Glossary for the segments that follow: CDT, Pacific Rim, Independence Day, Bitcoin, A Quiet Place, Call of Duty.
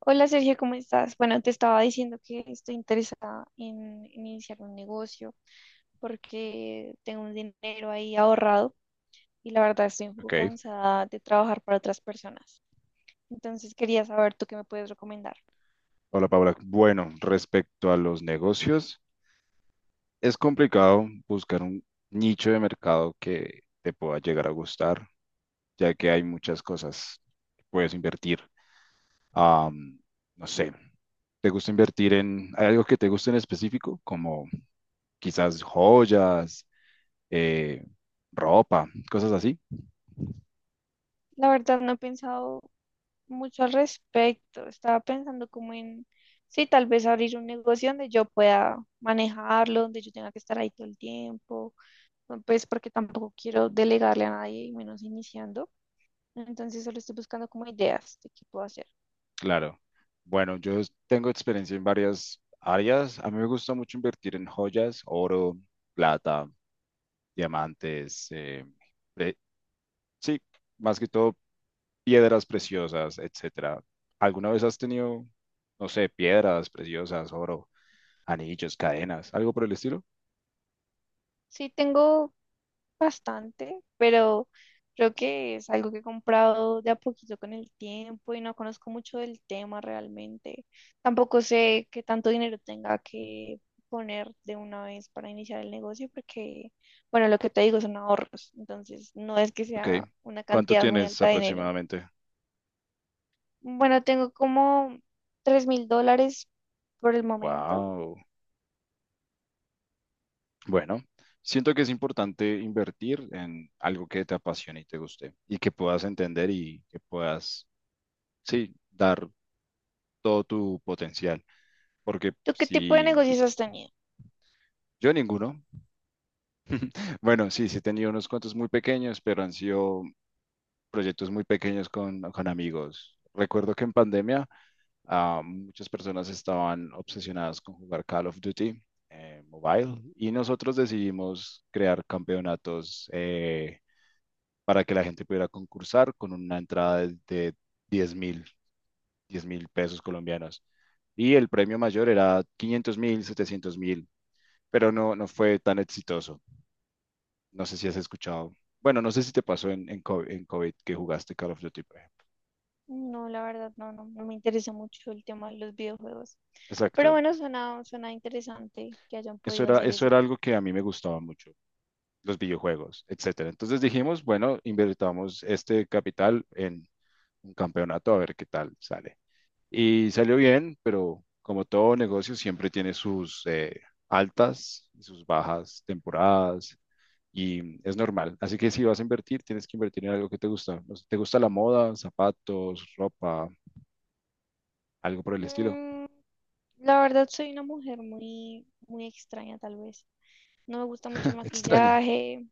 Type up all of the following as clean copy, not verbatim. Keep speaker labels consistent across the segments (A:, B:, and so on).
A: Hola Sergio, ¿cómo estás? Bueno, te estaba diciendo que estoy interesada en iniciar un negocio porque tengo un dinero ahí ahorrado y la verdad estoy un poco
B: Ok,
A: cansada de trabajar para otras personas. Entonces quería saber tú qué me puedes recomendar.
B: hola Paula. Bueno, respecto a los negocios, es complicado buscar un nicho de mercado que te pueda llegar a gustar, ya que hay muchas cosas que puedes invertir. Am, no sé, ¿te gusta invertir en, hay algo que te guste en específico, como quizás joyas, eh, ropa, cosas así?
A: La verdad no he pensado mucho al respecto. Estaba pensando como en, sí, tal vez abrir un negocio donde yo pueda manejarlo, donde yo tenga que estar ahí todo el tiempo, pues porque tampoco quiero delegarle a nadie, y menos iniciando. Entonces solo estoy buscando como ideas de qué puedo hacer.
B: Claro. Bueno, yo tengo experiencia en varias áreas. A mí me gusta mucho invertir en joyas, oro, plata, diamantes, eh, sí, más que todo piedras preciosas, etcétera. ¿Alguna vez has tenido, no sé, piedras preciosas, oro, anillos, cadenas, algo por el estilo?
A: Sí, tengo bastante, pero creo que es algo que he comprado de a poquito con el tiempo y no conozco mucho del tema realmente. Tampoco sé qué tanto dinero tenga que poner de una vez para iniciar el negocio porque, bueno, lo que te digo son ahorros, entonces no es que
B: Ok.
A: sea una
B: ¿Cuánto
A: cantidad muy
B: tienes
A: alta de dinero.
B: aproximadamente?
A: Bueno, tengo como $3.000 por el momento.
B: Wow. Bueno, siento que es importante invertir en algo que te apasione y te guste y que puedas entender y que puedas, sí, dar todo tu potencial. Porque
A: ¿Tú qué tipo de
B: si,
A: negocios has tenido?
B: yo ninguno. Bueno, sí, sí he tenido unos cuantos muy pequeños, pero han sido proyectos muy pequeños con amigos. Recuerdo que en pandemia, muchas personas estaban obsesionadas con jugar Call of Duty Mobile, y nosotros decidimos crear campeonatos, para que la gente pudiera concursar con una entrada de 10 mil, 10.000 pesos colombianos. Y el premio mayor era 500.000, 700.000, pero no, no fue tan exitoso. No sé si has escuchado. Bueno, no sé si te pasó en, en COVID, que jugaste Call of Duty, por ejemplo.
A: No, la verdad, no, no, no me interesa mucho el tema de los videojuegos. Pero
B: Exacto.
A: bueno, suena, suena interesante que hayan
B: Eso
A: podido
B: era,
A: hacer
B: eso
A: eso.
B: era algo que a mí me gustaba mucho, los videojuegos, etcétera. Entonces dijimos, bueno, invertamos este capital en un campeonato a ver qué tal sale. Y salió bien, pero como todo negocio siempre tiene sus altas y sus bajas temporadas y es normal. Así que si vas a invertir, tienes que invertir en algo que te gusta. No sé, ¿te gusta la moda, zapatos, ropa, algo por el estilo?
A: Mm, la verdad, soy una mujer muy, muy extraña, tal vez. No me gusta mucho el
B: Extraña.
A: maquillaje.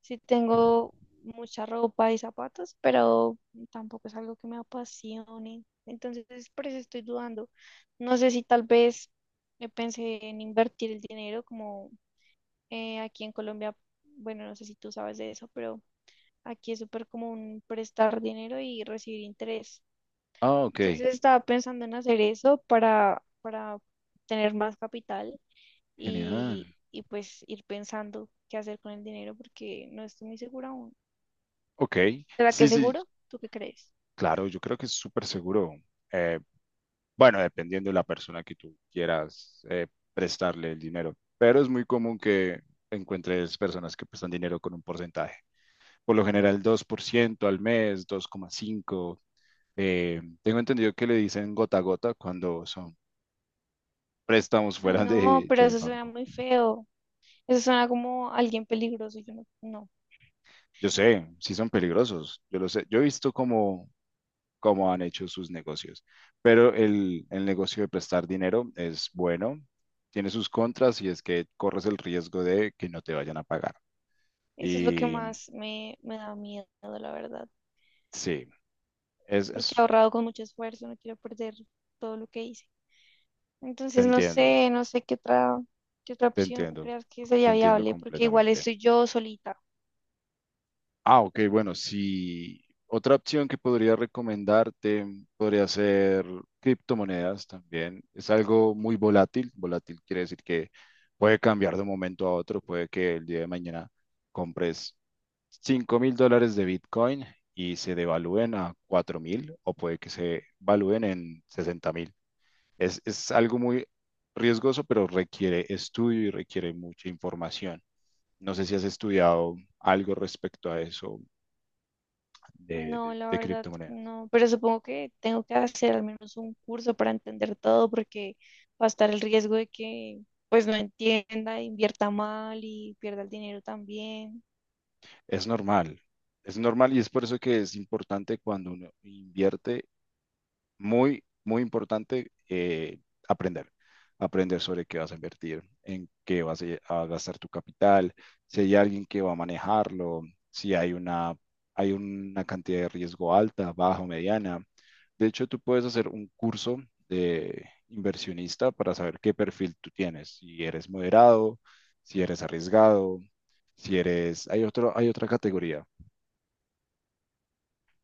A: Sí tengo mucha ropa y zapatos, pero tampoco es algo que me apasione. Entonces, por eso estoy dudando. No sé si tal vez pensé en invertir el dinero como aquí en Colombia. Bueno, no sé si tú sabes de eso, pero aquí es súper común prestar dinero y recibir interés.
B: Ah, ok.
A: Entonces estaba pensando en hacer eso para tener más capital
B: Genial.
A: y pues ir pensando qué hacer con el dinero porque no estoy muy segura aún.
B: Ok.
A: ¿Será que
B: Sí,
A: es
B: sí,
A: seguro? ¿Tú qué crees?
B: claro, yo creo que es súper seguro. Eh, bueno, dependiendo de la persona que tú quieras, prestarle el dinero, pero es muy común que encuentres personas que prestan dinero con un porcentaje. Por lo general, 2% al mes, 2,5%. Tengo entendido que le dicen gota a gota cuando son préstamos
A: Ay,
B: fuera
A: no, pero
B: del
A: eso suena
B: banco.
A: muy feo. Eso suena como alguien peligroso. Yo no, no.
B: Yo sé, sí son peligrosos, yo lo sé. Yo he visto como cómo han hecho sus negocios. Pero el negocio de prestar dinero es bueno, tiene sus contras y es que corres el riesgo de que no te vayan a pagar.
A: Eso es lo que
B: Y
A: más me da miedo, la verdad.
B: sí, es, es-
A: Porque he ahorrado con mucho esfuerzo, no quiero perder todo lo que hice.
B: te
A: Entonces no
B: entiendo,
A: sé, no sé qué otra
B: te
A: opción
B: entiendo,
A: creas que
B: te
A: sería
B: entiendo
A: viable, porque igual
B: completamente.
A: estoy yo solita.
B: Ah, ok, bueno, sí. Otra opción que podría recomendarte podría ser criptomonedas también. Es algo muy volátil. Volátil quiere decir que puede cambiar de un momento a otro, puede que el día de mañana compres 5.000 dólares de Bitcoin y se devalúen a 4.000 o puede que se valúen en 60.000. Es algo muy riesgoso, pero requiere estudio y requiere mucha información. No sé si has estudiado algo respecto a eso de,
A: No,
B: de,
A: la
B: de
A: verdad,
B: criptomonedas.
A: no. Pero supongo que tengo que hacer al menos un curso para entender todo, porque va a estar el riesgo de que pues no entienda, invierta mal y pierda el dinero también.
B: Es normal, es normal y es por eso que es importante cuando uno invierte. Muy, muy importante, aprender, aprender sobre qué vas a invertir, en qué vas a gastar tu capital, si hay alguien que va a manejarlo, si hay una cantidad de riesgo alta, baja o mediana. De hecho, tú puedes hacer un curso de inversionista para saber qué perfil tú tienes, si eres moderado, si eres arriesgado, si eres. Hay otra categoría,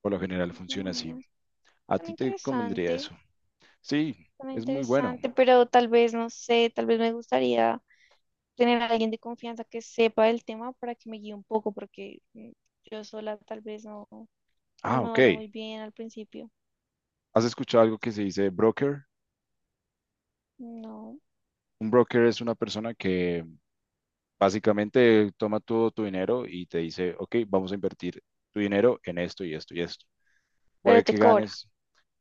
B: por lo general funciona así.
A: Bueno,
B: A
A: suena
B: ti te convendría
A: interesante,
B: eso. Sí,
A: suena
B: es muy bueno.
A: interesante, pero tal vez, no sé, tal vez me gustaría tener a alguien de confianza que sepa el tema para que me guíe un poco, porque yo sola tal vez no, no
B: Ah,
A: me
B: ok.
A: vaya muy bien al principio.
B: ¿Has escuchado algo que se dice broker?
A: No,
B: Un broker es una persona que básicamente toma todo tu dinero y te dice, ok, vamos a invertir tu dinero en esto y esto y esto. Puede
A: pero te
B: que
A: cobra.
B: ganes.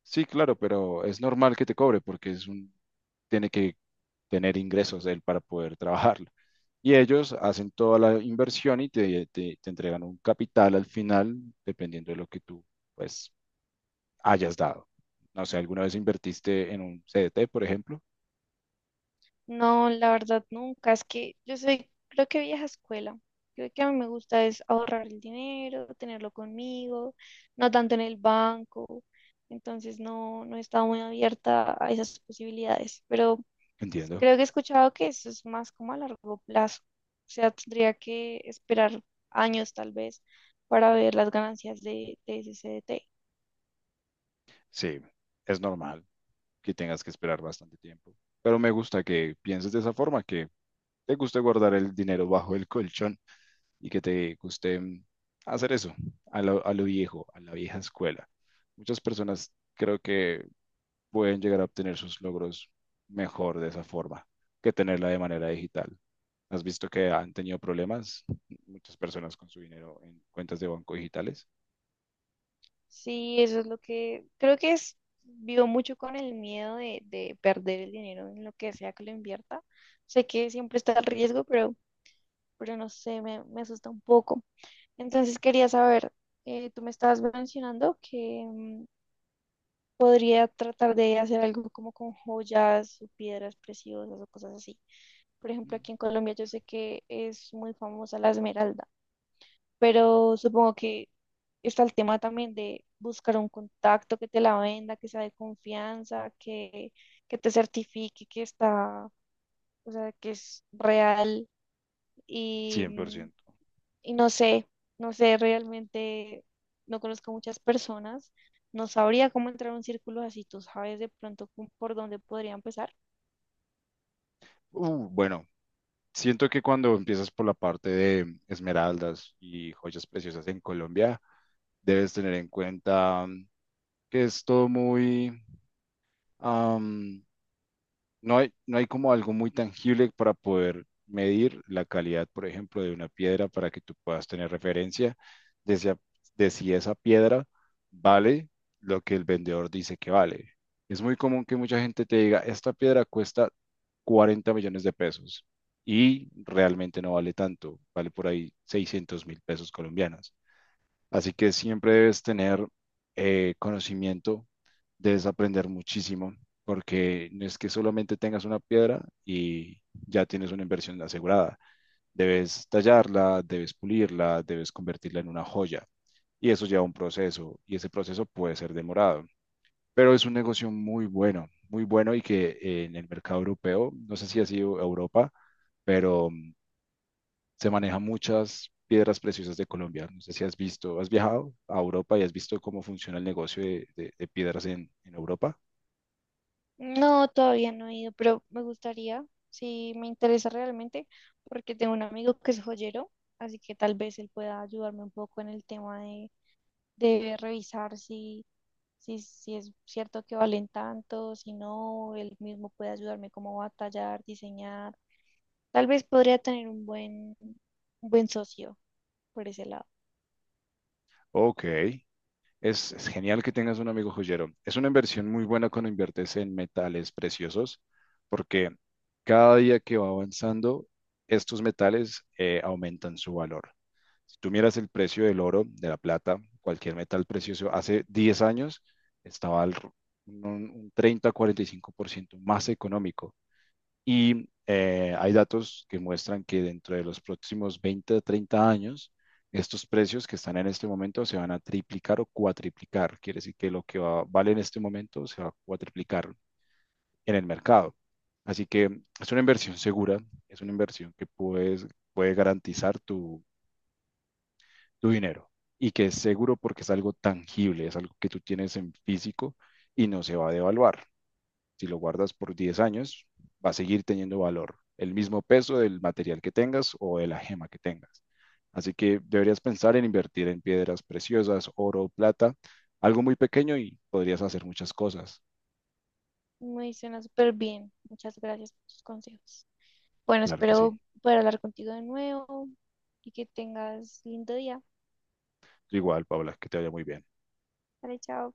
B: Sí, claro, pero es normal que te cobre porque es un, tiene que tener ingresos él para poder trabajarlo. Y ellos hacen toda la inversión y te entregan un capital al final, dependiendo de lo que tú, pues, hayas dado. No sé, ¿alguna vez invertiste en un CDT, por ejemplo?
A: No, la verdad nunca. Es que yo soy, creo que vieja escuela. Creo que a mí me gusta es ahorrar el dinero, tenerlo conmigo, no tanto en el banco. Entonces no, no he estado muy abierta a esas posibilidades. Pero
B: Entiendo.
A: creo que he escuchado que eso es más como a largo plazo. O sea, tendría que esperar años tal vez para ver las ganancias de ese CDT.
B: Sí, es normal que tengas que esperar bastante tiempo. Pero me gusta que pienses de esa forma, que te guste guardar el dinero bajo el colchón y que te guste, hacer eso a lo viejo, a la vieja escuela. Muchas personas creo que pueden llegar a obtener sus logros mejor de esa forma que tenerla de manera digital. ¿Has visto que han tenido problemas muchas personas con su dinero en cuentas de banco digitales?
A: Sí, eso es lo que creo que es, vivo mucho con el miedo de perder el dinero en lo que sea que lo invierta. Sé que siempre está el riesgo, pero no sé, me asusta un poco. Entonces quería saber, tú me estabas mencionando que podría tratar de hacer algo como con joyas o piedras preciosas o cosas así. Por ejemplo,
B: Mm,
A: aquí en Colombia yo sé que es muy famosa la esmeralda, pero supongo que está el tema también de buscar un contacto que te la venda, que sea de confianza, que te certifique que está, o sea, que es real y, mm,
B: 100%.
A: y no sé, no sé, realmente no conozco muchas personas, no sabría cómo entrar a un círculo así, tú sabes de pronto cómo- por dónde podría empezar.
B: Bueno, siento que cuando empiezas por la parte de esmeraldas y joyas preciosas en Colombia, debes tener en cuenta, que es todo muy, am, no hay como algo muy tangible para poder medir la calidad, por ejemplo, de una piedra para que tú puedas tener referencia de si, a- de si esa piedra vale lo que el vendedor dice que vale. Es muy común que mucha gente te diga, esta piedra cuesta 40 millones de pesos y realmente no vale tanto, vale por ahí 600 mil pesos colombianos. Así que siempre debes tener, conocimiento, debes aprender muchísimo, porque no es que solamente tengas una piedra y ya tienes una inversión asegurada. Debes tallarla, debes pulirla, debes convertirla en una joya. Y eso lleva un proceso, y ese proceso puede ser demorado. Pero es un negocio muy bueno, muy bueno y que, en el mercado europeo, no sé si ha sido Europa, pero se manejan muchas piedras preciosas de Colombia. No sé si has visto, has viajado a Europa y has visto cómo funciona el negocio de piedras en Europa.
A: No, todavía no he ido, pero me gustaría, si me interesa realmente, porque tengo un amigo que es joyero, así que tal vez él pueda ayudarme un poco en el tema de revisar si, si, si es cierto que valen tanto, si no, él mismo puede ayudarme como a tallar, diseñar. Tal vez podría tener un buen socio por ese lado.
B: Ok, es genial que tengas un amigo joyero. Es una inversión muy buena cuando inviertes en metales preciosos, porque cada día que va avanzando, estos metales aumentan su valor. Si tú miras el precio del oro, de la plata, cualquier metal precioso, hace 10 años estaba un, un 30-45% más económico. Y hay datos que muestran que dentro de los próximos 20 a 30 años, estos precios que están en este momento se van a triplicar o cuatriplicar. Quiere decir que lo que vale en este momento se va a cuatriplicar en el mercado. Así que es una inversión segura, es una inversión que puede garantizar tu, tu dinero y que es seguro porque es algo tangible, es algo que tú tienes en físico y no se va a devaluar. Si lo guardas por 10 años, va a seguir teniendo valor, el mismo peso del material que tengas o de la gema que tengas. Así que deberías pensar en invertir en piedras preciosas, oro, plata, algo muy pequeño y podrías hacer muchas cosas.
A: Me suena súper bien. Muchas gracias por tus consejos. Bueno,
B: Claro que sí.
A: espero poder hablar contigo de nuevo y que tengas lindo día.
B: Igual, Paula, que te vaya muy bien.
A: Vale, chao.